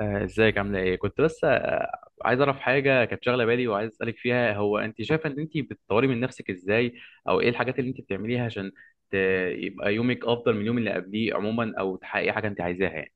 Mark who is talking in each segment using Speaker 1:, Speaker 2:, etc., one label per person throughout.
Speaker 1: ازيك عامله ايه؟ كنت بس عايز اعرف حاجه كانت شاغله بالي، وعايز اسالك فيها. هو انت شايفه ان انت بتطوري من نفسك ازاي؟ او ايه الحاجات اللي انت بتعمليها عشان ت- يبقى يومك افضل من اليوم اللي قبليه عموما، او تحققي حاجه انت عايزاها يعني.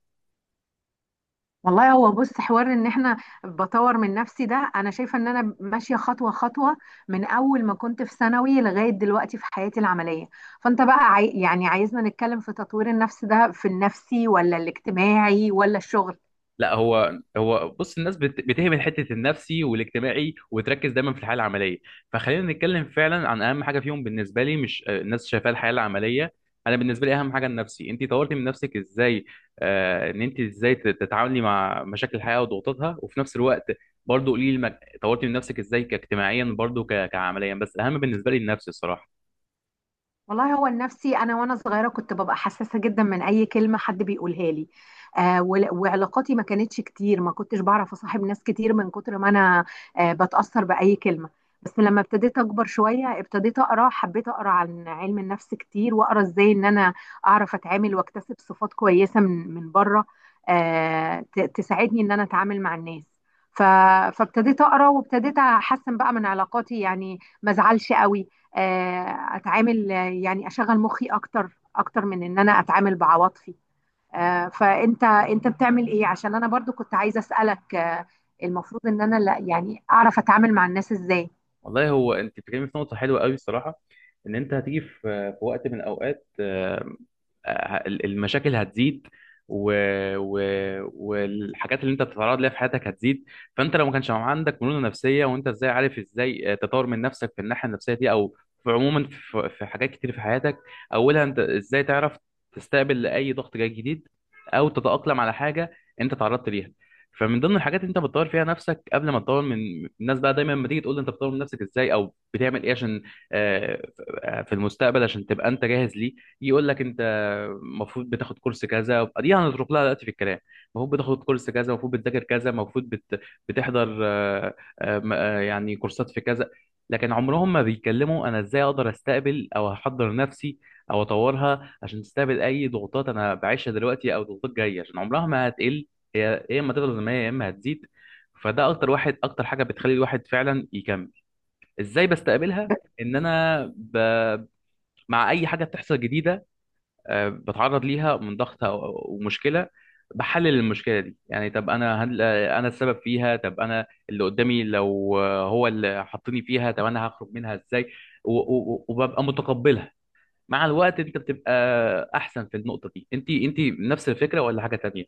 Speaker 2: والله هو بص حوار ان احنا بطور من نفسي ده. انا شايفه ان انا ماشيه خطوه خطوه من اول ما كنت في ثانوي لغايه دلوقتي في حياتي العمليه. فانت بقى عايزنا نتكلم في تطوير النفس ده، في النفسي ولا الاجتماعي ولا الشغل؟
Speaker 1: لا، هو بص، الناس بتهمل حته النفسي والاجتماعي، وتركز دايما في الحياه العمليه. فخلينا نتكلم فعلا عن اهم حاجه فيهم بالنسبه لي، مش الناس شايفاها الحياه العمليه. انا بالنسبه لي اهم حاجه النفسي. انت طورتي من نفسك ازاي؟ ان انت ازاي تتعاملي مع مشاكل الحياه وضغوطاتها، وفي نفس الوقت برضو قولي لي طورتي من نفسك ازاي كاجتماعيا، برضو كعمليا، بس اهم بالنسبه لي النفسي الصراحه.
Speaker 2: والله هو النفسي، انا وانا صغيره كنت ببقى حساسه جدا من اي كلمه حد بيقولها لي. وعلاقاتي ما كانتش كتير، ما كنتش بعرف اصاحب ناس كتير من كتر ما انا بتاثر باي كلمه. بس لما ابتديت اكبر شويه ابتديت اقرا، حبيت اقرا عن علم النفس كتير، واقرا ازاي ان انا اعرف اتعامل واكتسب صفات كويسه من بره تساعدني ان انا اتعامل مع الناس. ف- فابتديت اقرا وابتديت احسن بقى من علاقاتي، يعني ما ازعلش قوي، آه، اتعامل يعني اشغل مخي اكتر اكتر من ان انا اتعامل بعواطفي. فانت بتعمل ايه؟ عشان انا برضو كنت عايزه اسالك، المفروض ان انا لا يعني اعرف اتعامل مع الناس ازاي.
Speaker 1: والله هو انت بتتكلمي في نقطه حلوه قوي الصراحه. ان انت هتيجي في وقت من الاوقات، المشاكل هتزيد. و... و... والحاجات اللي انت بتتعرض ليها في حياتك هتزيد. فانت لو ما كانش عندك مرونه نفسيه، وانت ازاي عارف ازاي تطور من نفسك في الناحيه النفسيه دي، او في عموما في حاجات كتير في حياتك. اولها انت ازاي تعرف تستقبل اي ضغط جاي جديد، او تتاقلم على حاجه انت تعرضت ليها. فمن ضمن الحاجات اللي انت بتطور فيها نفسك قبل ما تطور من الناس بقى، دايما لما تيجي تقول لي انت بتطور من نفسك ازاي او بتعمل ايه عشان آه، في المستقبل عشان تبقى انت جاهز ليه، يقول لك انت المفروض بتاخد كورس كذا، دي هنترك لها دلوقتي في الكلام. المفروض بتاخد كورس كذا، المفروض بتذاكر كذا، المفروض بتحضر يعني كورسات في كذا. لكن عمرهم ما بيتكلموا انا ازاي اقدر استقبل، او احضر نفسي او اطورها عشان تستقبل اي ضغوطات انا بعيشها دلوقتي، او ضغوطات جايه، عشان عمرها ما هتقل. هي يا اما تفضل زي ما هي، يا اما هتزيد. فده اكتر واحد، اكتر حاجه بتخلي الواحد فعلا يكمل. ازاي بستقبلها، ان انا مع اي حاجه بتحصل جديده. بتعرض ليها من ضغط ومشكله. بحلل المشكله دي، يعني طب انا هل انا السبب فيها، طب انا اللي قدامي لو هو اللي حطني فيها، طب انا هخرج منها ازاي، وببقى متقبلها. مع الوقت انت بتبقى احسن في النقطه دي. انت نفس الفكره ولا حاجه تانية؟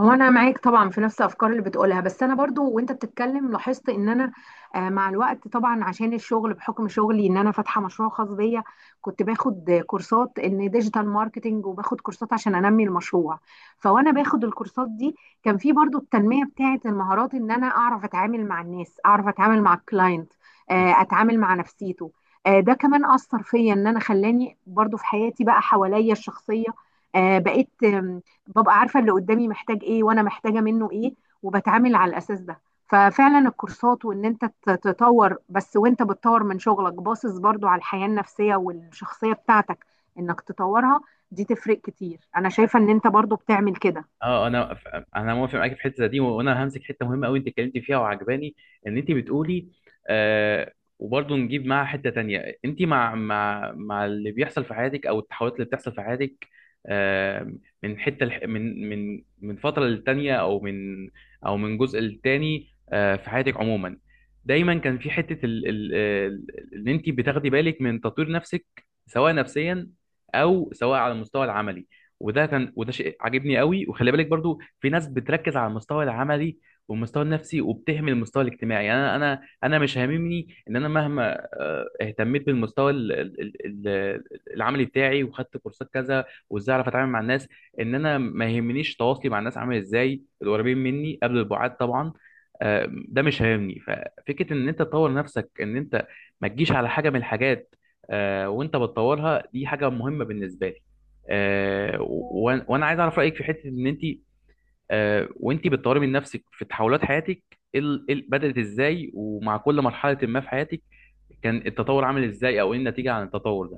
Speaker 2: هو انا معاك طبعا في نفس الافكار اللي بتقولها، بس انا برضو وانت بتتكلم لاحظت ان انا مع الوقت طبعا، عشان الشغل، بحكم شغلي ان انا فاتحه مشروع خاص بيا، كنت باخد كورسات ان ديجيتال ماركتنج، وباخد كورسات عشان انمي المشروع. فوانا باخد الكورسات دي كان في برضو التنميه بتاعه المهارات، ان انا اعرف اتعامل مع الناس، اعرف اتعامل مع الكلاينت، اتعامل مع نفسيته. ده كمان اثر فيا، ان انا خلاني برضو في حياتي بقى حواليا الشخصيه بقيت ببقى عارفة اللي قدامي محتاج ايه وانا محتاجة منه ايه، وبتعامل على الاساس ده. ففعلا الكورسات، وان انت تطور، بس وانت بتطور من شغلك باصص برضو على الحياة النفسية والشخصية بتاعتك انك تطورها، دي تفرق كتير. انا شايفة ان انت برضو بتعمل كده.
Speaker 1: اه، انا انا موافق معاك في الحته دي، وانا همسك حته مهمه قوي انت اتكلمتي فيها وعجباني. ان انت بتقولي، آه وبرضه نجيب معاها حته تانية. انت مع اللي بيحصل في حياتك، او التحولات اللي بتحصل في حياتك آه من حته من فتره للتانيه، او من، او من جزء للتاني في حياتك عموما. دايما كان في حته، ان انت بتاخدي بالك من تطوير نفسك، سواء نفسيا، او سواء على المستوى العملي. وده شيء عاجبني قوي. وخلي بالك برضو في ناس بتركز على المستوى العملي والمستوى النفسي وبتهمل المستوى الاجتماعي. يعني انا مش هاممني ان انا مهما اهتميت بالمستوى العملي بتاعي وخدت كورسات كذا وازاي اعرف اتعامل مع الناس. ان انا ما يهمنيش تواصلي مع الناس عامل ازاي، القريبين مني قبل البعاد طبعا. ده مش هاممني. ففكره ان انت تطور نفسك، ان انت ما تجيش على حاجه من الحاجات وانت بتطورها، دي حاجه مهمه بالنسبه لي. وانا عايز اعرف رايك في حته ان انت وانت بتطوري من نفسك في تحولات حياتك، بدات ازاي، ومع كل مرحله ما في حياتك كان التطور عامل ازاي، او ايه النتيجه عن التطور ده؟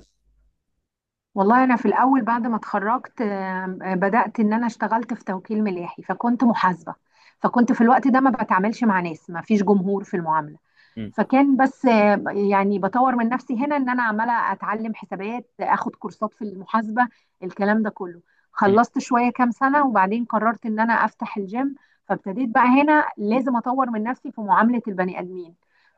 Speaker 2: والله انا في الاول بعد ما اتخرجت، آم، آه، بدأت ان انا اشتغلت في توكيل ملاحي فكنت محاسبة. فكنت في الوقت ده ما بتعاملش مع ناس، ما فيش جمهور في المعاملة.
Speaker 1: مم.
Speaker 2: فكان بس، يعني بطور من نفسي هنا ان انا عماله اتعلم حسابات، اخد كورسات في المحاسبه الكلام ده كله.
Speaker 1: مم.
Speaker 2: خلصت شويه كام سنه، وبعدين قررت ان انا افتح الجيم. فابتديت بقى هنا لازم اطور من نفسي في معامله البني ادمين.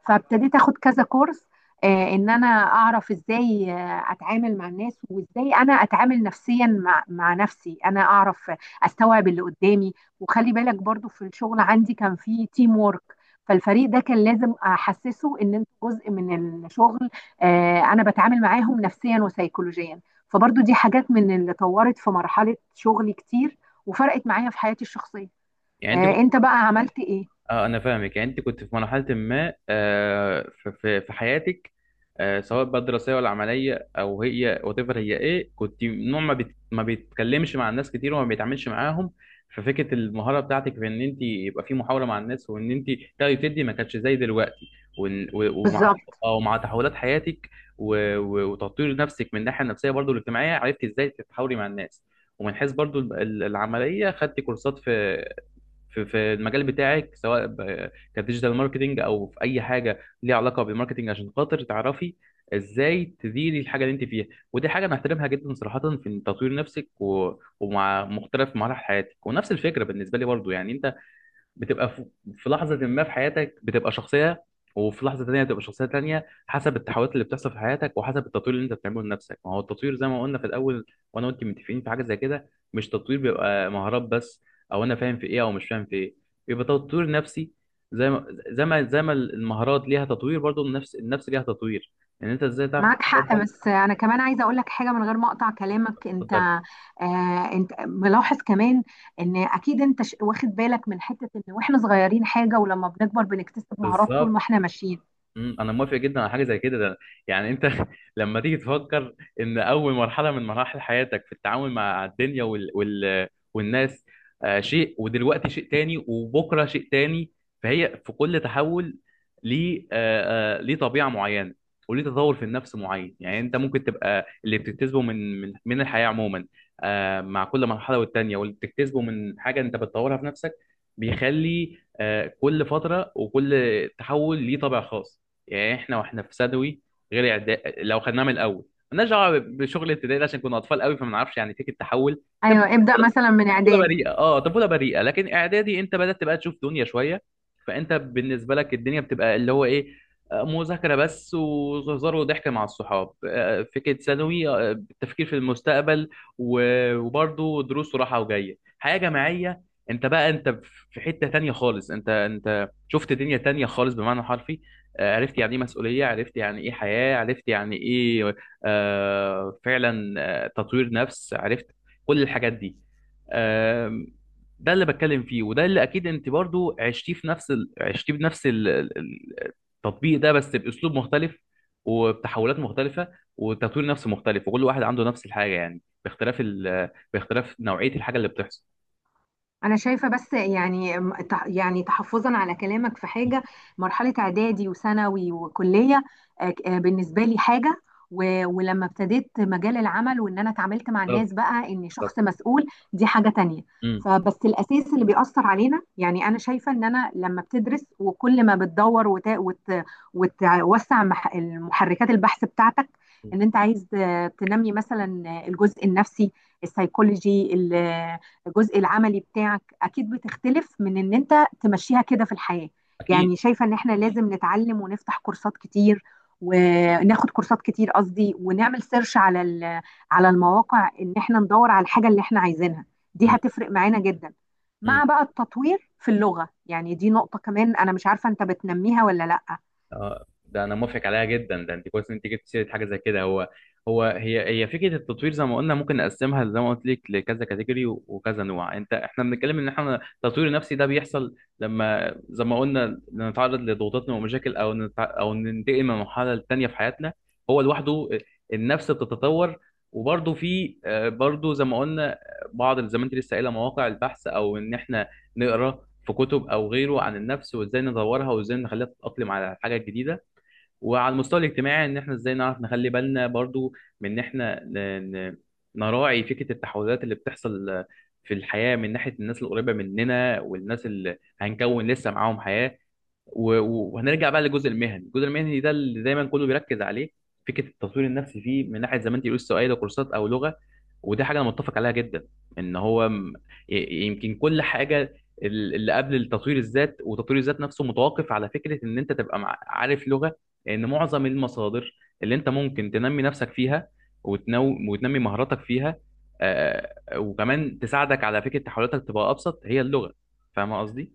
Speaker 2: فابتديت اخد كذا كورس، ان انا اعرف ازاي اتعامل مع الناس، وازاي انا اتعامل نفسيا مع نفسي، انا اعرف استوعب اللي قدامي. وخلي بالك برضو في الشغل عندي كان في تيم وورك، فالفريق ده كان لازم احسسه ان انت جزء من الشغل. انا بتعامل معاهم نفسيا وسيكولوجيا. فبرضو دي حاجات من اللي طورت في مرحلة شغلي كتير، وفرقت معايا في حياتي الشخصية.
Speaker 1: يعني انت كنت
Speaker 2: انت بقى عملت ايه؟
Speaker 1: اه، انا فاهمك. يعني انت كنت في مرحله ما في في حياتك، سواء بقى دراسيه ولا عمليه، او هي وات ايفر. هي ايه كنت نوع ما ما بيتكلمش مع الناس كتير وما بيتعاملش معاهم. ففكره المهاره بتاعتك في ان انت يبقى في محاوله مع الناس، وان انت تاخدي وتدي، ما كانتش زي دلوقتي. ومع،
Speaker 2: بالظبط.
Speaker 1: او مع تحولات حياتك، وتطوير نفسك من الناحيه النفسيه برضو الاجتماعيه، عرفتي ازاي تتحاوري مع الناس. ومن حيث برضو العمليه، خدتي كورسات في في المجال بتاعك، سواء كديجيتال ماركتنج او في اي حاجه ليها علاقه بالماركتنج، عشان خاطر تعرفي ازاي تديري الحاجه اللي انت فيها. ودي حاجه انا احترمها جدا صراحه، في تطوير نفسك ومع مختلف مراحل حياتك. ونفس الفكره بالنسبه لي برضو، يعني انت بتبقى في لحظة ما في حياتك بتبقى شخصية، وفي لحظة تانية بتبقى شخصية تانية، حسب التحولات اللي بتحصل في حياتك وحسب التطوير اللي انت بتعمله لنفسك. ما هو التطوير زي ما قلنا في الأول، وانا وانت متفقين في حاجة زي كده، مش تطوير بيبقى مهارات بس، او انا فاهم في ايه او مش فاهم في ايه، بيبقى تطوير نفسي. زي ما المهارات ليها تطوير، برضو النفس ليها تطوير، ان يعني انت ازاي تعرف
Speaker 2: معاك حق،
Speaker 1: تتقبل.
Speaker 2: بس انا كمان عايزه اقول لك حاجه من غير ما اقطع كلامك انت.
Speaker 1: اتفضل.
Speaker 2: انت ملاحظ كمان ان اكيد انت واخد بالك من حته ان واحنا صغيرين حاجه، ولما بنكبر بنكتسب مهارات طول
Speaker 1: بالظبط.
Speaker 2: ما احنا ماشيين.
Speaker 1: مم، انا موافق جدا على حاجه زي كده ده. يعني انت لما تيجي تفكر، ان اول مرحله من مراحل حياتك في التعامل مع الدنيا والناس شيء، ودلوقتي شيء تاني، وبكره شيء تاني. فهي في كل تحول ليه، ليه طبيعه معينه، وليه تطور في النفس معين. يعني انت ممكن تبقى اللي بتكتسبه من الحياه عموما، مع كل مرحله والتانيه، واللي بتكتسبه من حاجه انت بتطورها في نفسك، بيخلي كل فتره وكل تحول ليه طابع خاص. يعني احنا واحنا في ثانوي غير اعداد لو خدناها من الاول، مالناش دعوه بشغل ابتدائي ده، عشان كنا اطفال قوي فما نعرفش يعني فكره التحول. كانت
Speaker 2: ايوه، ابدا، مثلا من
Speaker 1: طفوله
Speaker 2: اعدادي.
Speaker 1: بريئه، اه، طفوله بريئه. لكن اعدادي انت بدات تبقى تشوف دنيا شويه. فانت بالنسبه لك الدنيا بتبقى اللي هو ايه، مذاكره بس وهزار وضحك مع الصحاب. فكره ثانوي، التفكير في المستقبل وبرضه دروس وراحه، وجايه حياه جماعيه. انت بقى، انت في حته تانية خالص، انت شفت دنيا تانية خالص بمعنى حرفي. عرفت يعني ايه مسؤوليه، عرفت يعني ايه حياه، عرفت يعني ايه فعلا، تطوير نفس، عرفت كل الحاجات دي. آم، ده اللي بتكلم فيه، وده اللي اكيد انت برضو عشتيه في نفس عشتيه بنفس التطبيق ده، بس باسلوب مختلف. وبتحولات مختلفه وتطوير نفس مختلف، وكل واحد عنده نفس الحاجه يعني باختلاف باختلاف نوعيه الحاجه اللي بتحصل.
Speaker 2: انا شايفه بس يعني تحفظا على كلامك في حاجه، مرحله اعدادي وثانوي وكليه بالنسبه لي حاجه، ولما ابتديت مجال العمل وان انا اتعاملت مع الناس
Speaker 1: بالظبط.
Speaker 2: بقى اني
Speaker 1: بالظبط.
Speaker 2: شخص مسؤول دي حاجه تانية.
Speaker 1: امم.
Speaker 2: فبس الاساس اللي بيأثر علينا، يعني انا شايفه ان انا لما بتدرس، وكل ما بتدور وتوسع المحركات البحث بتاعتك،
Speaker 1: أمم.
Speaker 2: ان انت عايز تنمي مثلا الجزء النفسي، السيكولوجي، الجزء العملي بتاعك، اكيد بتختلف من ان انت تمشيها كده في الحياة.
Speaker 1: اكيد.
Speaker 2: يعني شايفة ان احنا لازم نتعلم ونفتح كورسات كتير، وناخد كورسات كتير قصدي، ونعمل سيرش على على المواقع ان احنا ندور على الحاجة اللي احنا عايزينها، دي
Speaker 1: امم.
Speaker 2: هتفرق معانا جدا. مع
Speaker 1: أمم.
Speaker 2: بقى التطوير في اللغة، يعني دي نقطة كمان انا مش عارفة انت بتنميها ولا لا.
Speaker 1: اه، ده انا موافق عليها جدا ده، انت كويس ان انت جبت سيره حاجه زي كده. هو هي فكره التطوير زي ما قلنا، ممكن نقسمها زي ما قلت لك لكذا كاتيجوري وكذا نوع. انت احنا بنتكلم ان احنا التطوير النفسي ده بيحصل لما زي ما قلنا نتعرض لضغوطات ومشاكل، او او ننتقل من مرحله للتانيه في حياتنا. هو لوحده النفس بتتطور. وبرضه في برضه زي ما قلنا بعض، زي ما انت لسه قايله مواقع البحث، او ان احنا نقرا في كتب او غيره عن النفس وازاي نطورها وازاي نخليها تتاقلم على الحاجه الجديده. وعلى المستوى الاجتماعي ان احنا ازاي نعرف نخلي بالنا برضو من ان احنا نراعي فكرة التحولات اللي بتحصل في الحياة، من ناحية الناس القريبة مننا والناس اللي هنكون لسه معاهم حياة. وهنرجع بقى للجزء المهني، الجزء المهني ده اللي دايما كله بيركز عليه. فكره التطوير النفسي فيه من ناحيه زي ما انت قلت سواء ده كورسات او لغه، ودي حاجه انا متفق عليها جدا. ان هو يمكن كل حاجه اللي قبل التطوير الذات، وتطوير الذات نفسه متوقف على فكره ان انت تبقى عارف لغه. لان معظم المصادر اللي انت ممكن تنمي نفسك فيها وتنمي مهاراتك فيها، وكمان تساعدك على فكره تحولاتك تبقى ابسط هي اللغه. فاهم قصدي؟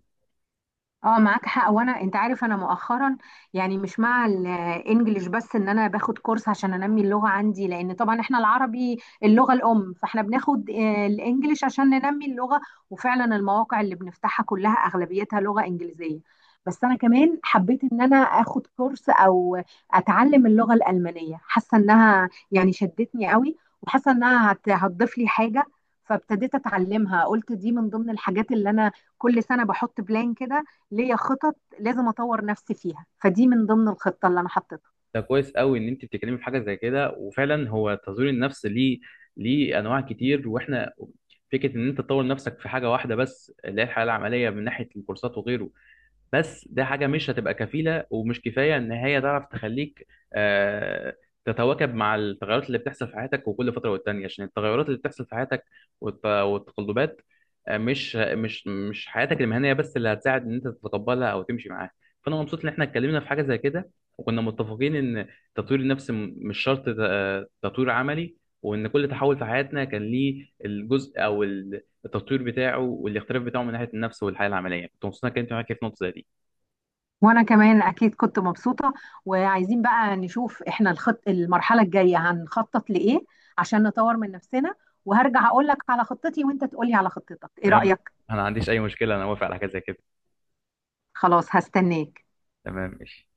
Speaker 2: اه معاك حق. وانا انت عارف انا مؤخرا، يعني مش مع الانجليش بس، ان انا باخد كورس عشان انمي اللغه عندي، لان طبعا احنا العربي اللغه الام، فاحنا بناخد الانجليش عشان ننمي اللغه. وفعلا المواقع اللي بنفتحها كلها اغلبيتها لغه انجليزيه. بس انا كمان حبيت ان انا اخد كورس او اتعلم اللغه الالمانيه، حاسه انها يعني شدتني قوي، وحاسه انها هتضيف لي حاجه. فابتديت اتعلمها، قلت دي من ضمن الحاجات اللي انا كل سنه بحط بلان كده ليا، خطط لازم اطور نفسي فيها، فدي من ضمن الخطه اللي انا حطيتها.
Speaker 1: ده كويس قوي ان انت بتتكلمي في حاجه زي كده، وفعلا هو تطوير النفس ليه انواع كتير، واحنا فكره ان انت تطور نفسك في حاجه واحده بس اللي هي الحياه العمليه من ناحيه الكورسات وغيره. بس ده حاجة مش هتبقى كفيلة ومش كفاية إن هي تعرف تخليك آه، تتواكب مع التغيرات اللي بتحصل في حياتك وكل فترة والتانية، عشان التغيرات اللي بتحصل في حياتك والتقلبات، مش حياتك المهنية بس اللي هتساعد إن أنت تتقبلها أو تمشي معاها. فأنا مبسوط إن إحنا اتكلمنا في حاجة زي كده، وكنا متفقين إن تطوير النفس مش شرط تطوير عملي. وإن كل تحول في حياتنا كان ليه الجزء أو التطوير بتاعه والاختلاف بتاعه من ناحيه النفس والحياه العمليه. كنت مبسوط انك انت معاك في نقطه زي دي.
Speaker 2: وانا كمان اكيد كنت مبسوطه، وعايزين بقى نشوف احنا الخط، المرحله الجايه هنخطط لايه عشان نطور من نفسنا. وهرجع اقول لك على خطتي وانت تقولي على خطتك، ايه
Speaker 1: تمام.
Speaker 2: رايك؟
Speaker 1: انا ما عنديش اي مشكله، انا موافق على حاجه زي كده.
Speaker 2: خلاص، هستناك.
Speaker 1: تمام، ماشي.